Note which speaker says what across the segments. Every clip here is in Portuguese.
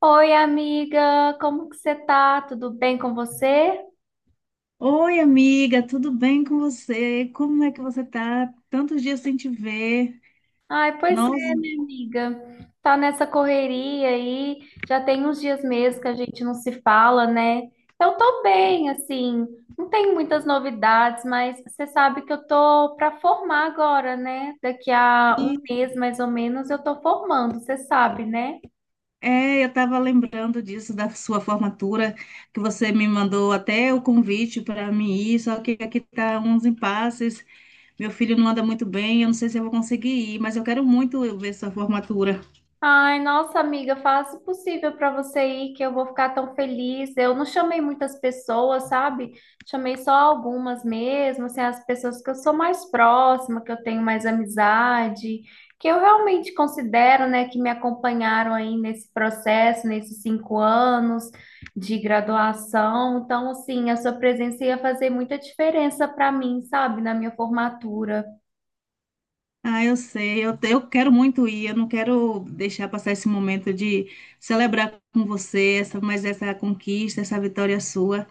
Speaker 1: Oi, amiga, como que você tá? Tudo bem com você?
Speaker 2: Oi, amiga, tudo bem com você? Como é que você tá? Tantos dias sem te ver.
Speaker 1: Ai, pois
Speaker 2: Nossa,
Speaker 1: é, minha amiga. Tá nessa correria aí, já tem uns dias mesmo que a gente não se fala, né? Eu tô bem, assim, não tenho muitas novidades, mas você sabe que eu tô pra formar agora, né? Daqui a um
Speaker 2: e
Speaker 1: mês, mais ou menos, eu tô formando, você sabe, né?
Speaker 2: é, eu tava lembrando disso da sua formatura, que você me mandou até o convite para mim ir, só que aqui tá uns impasses. Meu filho não anda muito bem, eu não sei se eu vou conseguir ir, mas eu quero muito eu ver sua formatura.
Speaker 1: Ai, nossa amiga, faça o possível para você ir, que eu vou ficar tão feliz. Eu não chamei muitas pessoas, sabe? Chamei só algumas mesmo, assim, as pessoas que eu sou mais próxima, que eu tenho mais amizade, que eu realmente considero, né, que me acompanharam aí nesse processo, nesses 5 anos de graduação. Então, assim, a sua presença ia fazer muita diferença para mim, sabe? Na minha formatura.
Speaker 2: Ah, eu sei, eu quero muito ir, eu não quero deixar passar esse momento de celebrar com você essa, mais essa conquista, essa vitória sua.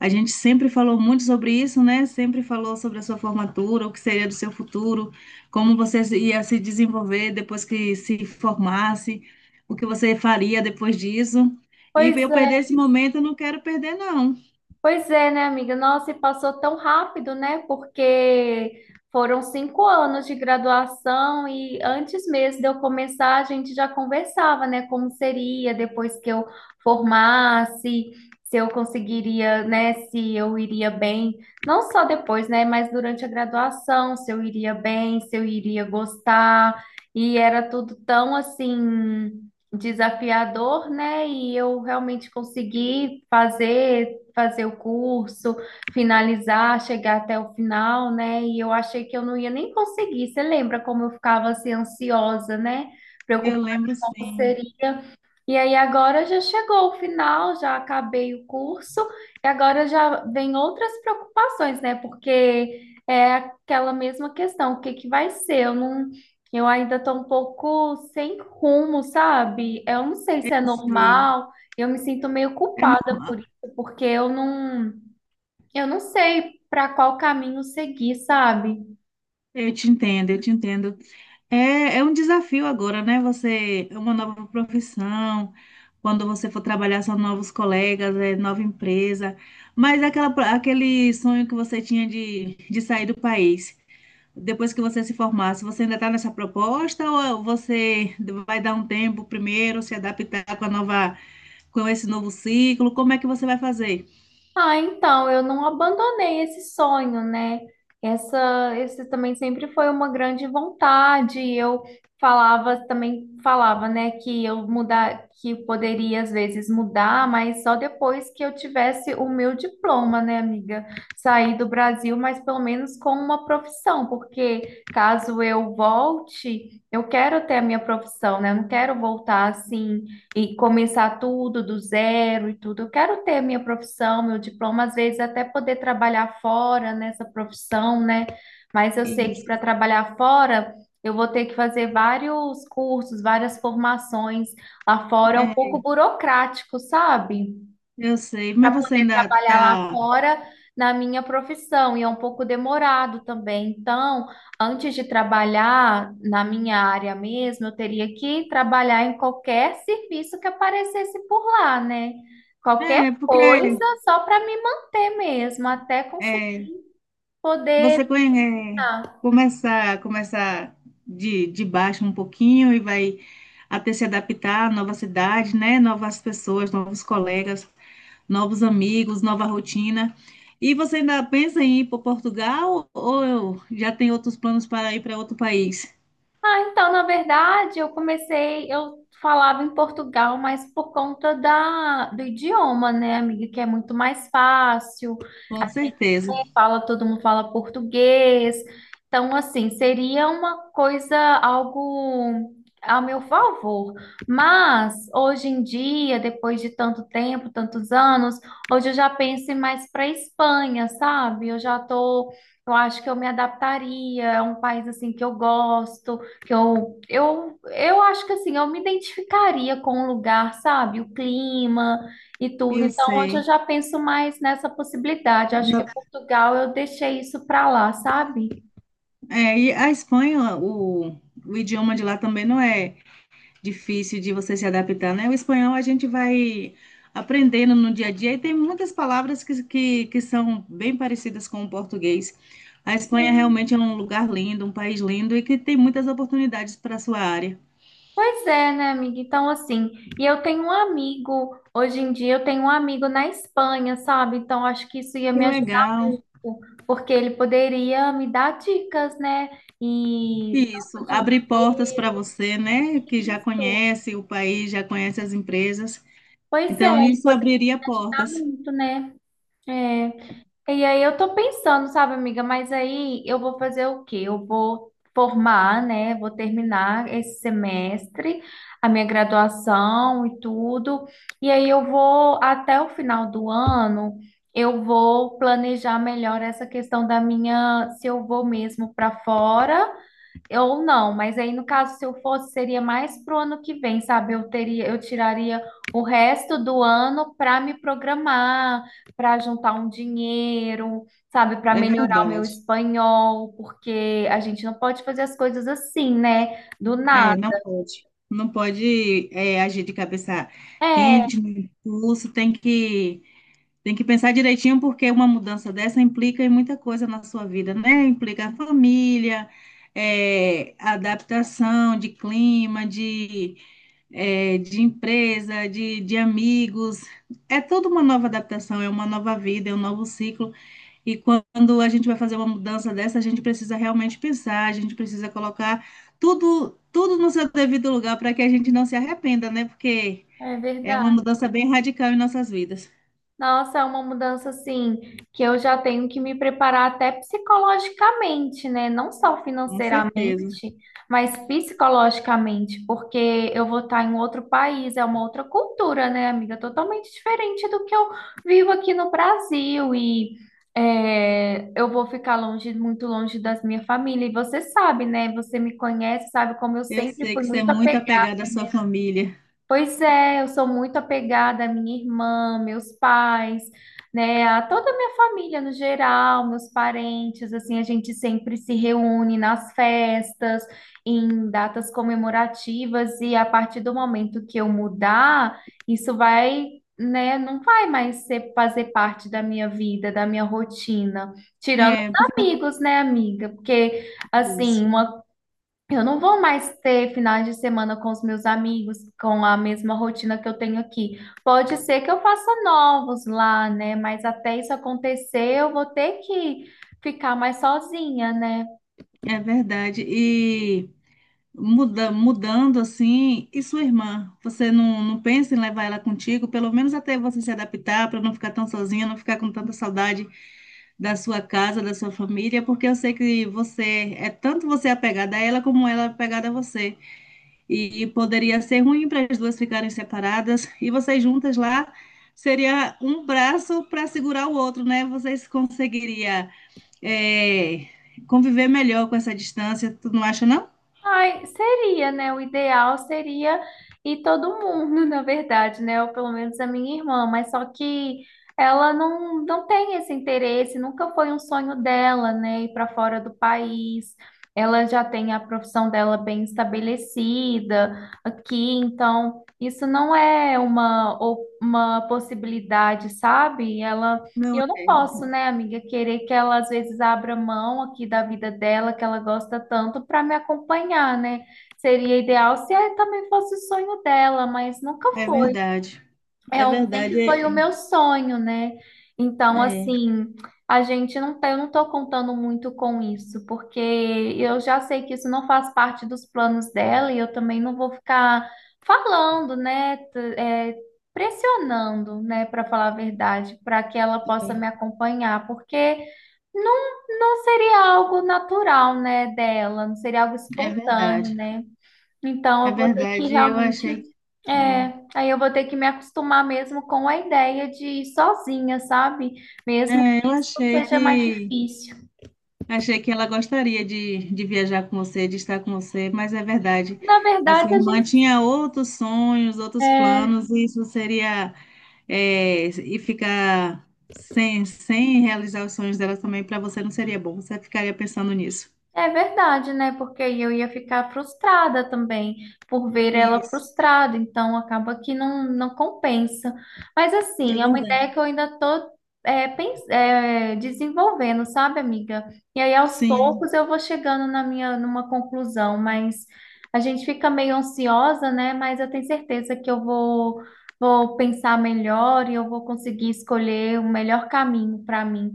Speaker 2: A gente sempre falou muito sobre isso, né? Sempre falou sobre a sua formatura, o que seria do seu futuro, como você se- ia se desenvolver depois que se formasse, o que você faria depois disso. E pra
Speaker 1: Pois
Speaker 2: eu perder
Speaker 1: é,
Speaker 2: esse momento, eu não quero perder, não.
Speaker 1: Pois é, né, amiga? Nossa, e passou tão rápido, né? Porque foram 5 anos de graduação e antes mesmo de eu começar, a gente já conversava, né? Como seria depois que eu formasse, se eu conseguiria, né? Se eu iria bem, não só depois, né? Mas durante a graduação, se eu iria bem, se eu iria gostar. E era tudo tão assim desafiador, né? E eu realmente consegui fazer o curso, finalizar, chegar até o final, né? E eu achei que eu não ia nem conseguir. Você lembra como eu ficava assim ansiosa, né? Preocupada
Speaker 2: Eu lembro,
Speaker 1: com como
Speaker 2: sim,
Speaker 1: seria. E aí agora já chegou o final, já acabei o curso, e agora já vem outras preocupações, né? Porque é aquela mesma questão, o que que vai ser? Eu não, eu ainda estou um pouco sem rumo, sabe? Eu não sei
Speaker 2: eu
Speaker 1: se é
Speaker 2: sei.
Speaker 1: normal, eu me sinto meio
Speaker 2: É
Speaker 1: culpada
Speaker 2: normal.
Speaker 1: por isso, porque eu não sei para qual caminho seguir, sabe?
Speaker 2: Eu te entendo, eu te entendo. É é um desafio agora, né? Você é uma nova profissão, quando você for trabalhar são novos colegas, é nova empresa, mas é aquela, aquele sonho que você tinha de sair do país, depois que você se formasse, você ainda está nessa proposta ou você vai dar um tempo primeiro, se adaptar com a nova, com esse novo ciclo? Como é que você vai fazer?
Speaker 1: Ah, então, eu não abandonei esse sonho, né? Esse também sempre foi uma grande vontade. Eu falava também, né, que eu mudar, que poderia às vezes mudar, mas só depois que eu tivesse o meu diploma, né, amiga? Sair do Brasil, mas pelo menos com uma profissão, porque caso eu volte, eu quero ter a minha profissão, né? Eu não quero voltar assim e começar tudo do zero e tudo. Eu quero ter minha profissão, meu diploma, às vezes até poder trabalhar fora nessa profissão, né? Mas eu sei que
Speaker 2: Isso,
Speaker 1: para trabalhar fora, eu vou ter que fazer vários cursos, várias formações. Lá fora é um
Speaker 2: é,
Speaker 1: pouco burocrático, sabe?
Speaker 2: eu sei,
Speaker 1: Para
Speaker 2: mas você
Speaker 1: poder
Speaker 2: ainda
Speaker 1: trabalhar lá
Speaker 2: está.
Speaker 1: fora na minha profissão, e é um pouco demorado também. Então, antes de trabalhar na minha área mesmo, eu teria que trabalhar em qualquer serviço que aparecesse por lá, né? Qualquer
Speaker 2: É,
Speaker 1: coisa
Speaker 2: porque
Speaker 1: só para me manter mesmo, até conseguir
Speaker 2: é.
Speaker 1: poder.
Speaker 2: É, começa de baixo um pouquinho e vai até se adaptar à nova cidade, né? Novas pessoas, novos colegas, novos amigos, nova rotina. E você ainda pensa em ir para Portugal ou já tem outros planos para ir para outro país?
Speaker 1: Ah, então, na verdade, eu falava em Portugal, mas por conta do idioma, né, amiga, que é muito mais fácil. A
Speaker 2: Com
Speaker 1: gente
Speaker 2: certeza,
Speaker 1: né, fala, todo mundo fala português. Então, assim, seria uma coisa, algo a meu favor. Mas, hoje em dia, depois de tanto tempo, tantos anos, hoje eu já penso em mais para Espanha, sabe? Eu acho que eu me adaptaria, é um país, assim, que eu gosto que eu acho que assim, eu me identificaria com o lugar, sabe? O clima e tudo.
Speaker 2: eu
Speaker 1: Então, hoje eu
Speaker 2: sei.
Speaker 1: já penso mais nessa possibilidade. Acho que
Speaker 2: Na,
Speaker 1: Portugal eu deixei isso para lá, sabe?
Speaker 2: é, e a Espanha, o idioma de lá também não é difícil de você se adaptar, né? O espanhol a gente vai aprendendo no dia a dia e tem muitas palavras que são bem parecidas com o português. A Espanha realmente é um lugar lindo, um país lindo e que tem muitas oportunidades para a sua área.
Speaker 1: Pois é, né, amiga? Então, assim, e eu tenho um amigo, hoje em dia eu tenho um amigo na Espanha, sabe? Então, acho que isso ia
Speaker 2: Que
Speaker 1: me ajudar
Speaker 2: legal.
Speaker 1: muito, porque ele poderia me dar dicas, né? E
Speaker 2: Isso,
Speaker 1: tanto de
Speaker 2: abrir portas para
Speaker 1: emprego,
Speaker 2: você, né? Que já
Speaker 1: isso.
Speaker 2: conhece o país, já conhece as empresas.
Speaker 1: Pois é,
Speaker 2: Então,
Speaker 1: ele
Speaker 2: isso
Speaker 1: poderia
Speaker 2: abriria
Speaker 1: ajudar
Speaker 2: portas.
Speaker 1: muito, né? É. E aí eu tô pensando, sabe, amiga, mas aí eu vou fazer o quê? Eu vou formar, né? Vou terminar esse semestre, a minha graduação e tudo. E aí eu vou, até o final do ano, eu vou planejar melhor essa questão da minha, se eu vou mesmo para fora. Ou não, mas aí no caso, se eu fosse, seria mais pro ano que vem, sabe? Eu teria, eu tiraria o resto do ano para me programar, para juntar um dinheiro, sabe? Para
Speaker 2: É
Speaker 1: melhorar o meu
Speaker 2: verdade.
Speaker 1: espanhol, porque a gente não pode fazer as coisas assim, né? Do
Speaker 2: É,
Speaker 1: nada.
Speaker 2: não pode. Não pode, é, agir de cabeça
Speaker 1: É,
Speaker 2: quente, no impulso, tem que pensar direitinho, porque uma mudança dessa implica em muita coisa na sua vida, né? Implica a família, é, adaptação de clima, de, é, de empresa, de amigos. É toda uma nova adaptação, é uma nova vida, é um novo ciclo. E quando a gente vai fazer uma mudança dessa, a gente precisa realmente pensar, a gente precisa colocar tudo no seu devido lugar para que a gente não se arrependa, né? Porque
Speaker 1: é,
Speaker 2: é uma
Speaker 1: verdade.
Speaker 2: mudança bem radical em nossas vidas.
Speaker 1: Nossa, é uma mudança assim que eu já tenho que me preparar até psicologicamente, né? Não só
Speaker 2: Com certeza.
Speaker 1: financeiramente, mas psicologicamente, porque eu vou estar em outro país, é uma outra cultura, né, amiga? Totalmente diferente do que eu vivo aqui no Brasil e é, eu vou ficar longe, muito longe das minha família. E você sabe, né? Você me conhece, sabe como eu
Speaker 2: Eu
Speaker 1: sempre
Speaker 2: sei
Speaker 1: fui
Speaker 2: que você é
Speaker 1: muito.
Speaker 2: muito apegada à sua família.
Speaker 1: Pois é, eu sou muito apegada à minha irmã, meus pais, né, a toda a minha família no geral, meus parentes, assim, a gente sempre se reúne nas festas, em datas comemorativas, e a partir do momento que eu mudar, isso vai, né, não vai mais ser, fazer parte da minha vida, da minha rotina, tirando os
Speaker 2: É, porque
Speaker 1: amigos, né, amiga? Porque, assim, uma eu não vou mais ter finais de semana com os meus amigos, com a mesma rotina que eu tenho aqui. Pode ser que eu faça novos lá, né? Mas até isso acontecer, eu vou ter que ficar mais sozinha, né?
Speaker 2: é verdade. E mudando assim, e sua irmã? Você não pensa em levar ela contigo, pelo menos até você se adaptar, para não ficar tão sozinha, não ficar com tanta saudade da sua casa, da sua família, porque eu sei que você é tanto você apegada a ela como ela é apegada a você. E poderia ser ruim para as duas ficarem separadas, e vocês juntas lá seria um braço para segurar o outro, né? Vocês conseguiria, é, conviver melhor com essa distância, tu não acha, não?
Speaker 1: Ai, seria, né? O ideal seria ir todo mundo, na verdade, né? Ou pelo menos a minha irmã, mas só que ela não, não tem esse interesse, nunca foi um sonho dela, né? Ir para fora do país. Ela já tem a profissão dela bem estabelecida aqui, então isso não é uma possibilidade, sabe? Ela E
Speaker 2: Não,
Speaker 1: eu não
Speaker 2: é
Speaker 1: posso, né, amiga, querer que ela às vezes abra mão aqui da vida dela, que ela gosta tanto, para me acompanhar, né? Seria ideal se também fosse o sonho dela, mas nunca
Speaker 2: é
Speaker 1: foi.
Speaker 2: verdade. É
Speaker 1: É,
Speaker 2: verdade,
Speaker 1: sempre foi o
Speaker 2: é,
Speaker 1: meu sonho, né? Então,
Speaker 2: é,
Speaker 1: assim, a gente não tá, eu não tô contando muito com isso, porque eu já sei que isso não faz parte dos planos dela e eu também não vou ficar falando, né? Pressionando, né, para falar a verdade, para que ela possa me acompanhar, porque não, não seria algo natural, né, dela, não seria algo
Speaker 2: é
Speaker 1: espontâneo,
Speaker 2: verdade.
Speaker 1: né? Então,
Speaker 2: É
Speaker 1: eu vou ter que
Speaker 2: verdade, eu achei que.
Speaker 1: realmente. É,
Speaker 2: É,
Speaker 1: aí eu vou ter que me acostumar mesmo com a ideia de ir sozinha, sabe? Mesmo
Speaker 2: é, eu
Speaker 1: que isso
Speaker 2: achei
Speaker 1: seja mais
Speaker 2: que.
Speaker 1: difícil.
Speaker 2: Achei que ela gostaria de viajar com você, de estar com você, mas é verdade.
Speaker 1: Na
Speaker 2: A sua
Speaker 1: verdade, a
Speaker 2: irmã
Speaker 1: gente.
Speaker 2: tinha outros sonhos, outros
Speaker 1: É,
Speaker 2: planos, e isso seria, é, e ficar sem, sem realizar os sonhos dela também para você não seria bom. Você ficaria pensando nisso.
Speaker 1: É, verdade, né? Porque aí eu ia ficar frustrada também por ver ela
Speaker 2: Isso.
Speaker 1: frustrada, então acaba que não, não compensa. Mas
Speaker 2: É
Speaker 1: assim, é uma ideia
Speaker 2: verdade.
Speaker 1: que eu ainda tô desenvolvendo, sabe, amiga? E aí aos
Speaker 2: Sim,
Speaker 1: poucos eu vou chegando na minha numa conclusão, mas a gente fica meio ansiosa, né? Mas eu tenho certeza que eu vou pensar melhor e eu vou conseguir escolher o melhor caminho para mim.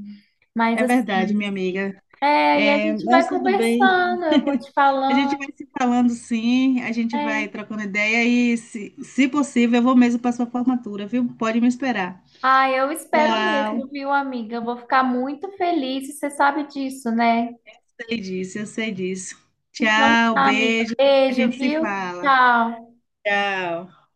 Speaker 1: Mas
Speaker 2: é verdade, minha
Speaker 1: assim,
Speaker 2: amiga.
Speaker 1: é, e a
Speaker 2: É,
Speaker 1: gente vai
Speaker 2: mas tudo bem.
Speaker 1: conversando, eu vou te
Speaker 2: A gente
Speaker 1: falando.
Speaker 2: vai se falando, sim, a gente
Speaker 1: É.
Speaker 2: vai trocando ideia e, se possível, eu vou mesmo para sua formatura, viu? Pode me esperar.
Speaker 1: Ah, eu espero
Speaker 2: Tchau.
Speaker 1: mesmo, viu, amiga? Eu vou ficar muito feliz, e você sabe disso, né?
Speaker 2: Sei disso, eu sei disso.
Speaker 1: Então
Speaker 2: Tchau,
Speaker 1: tá, amiga.
Speaker 2: beijo. A
Speaker 1: Beijo,
Speaker 2: gente se
Speaker 1: viu?
Speaker 2: fala.
Speaker 1: Tchau.
Speaker 2: Tchau.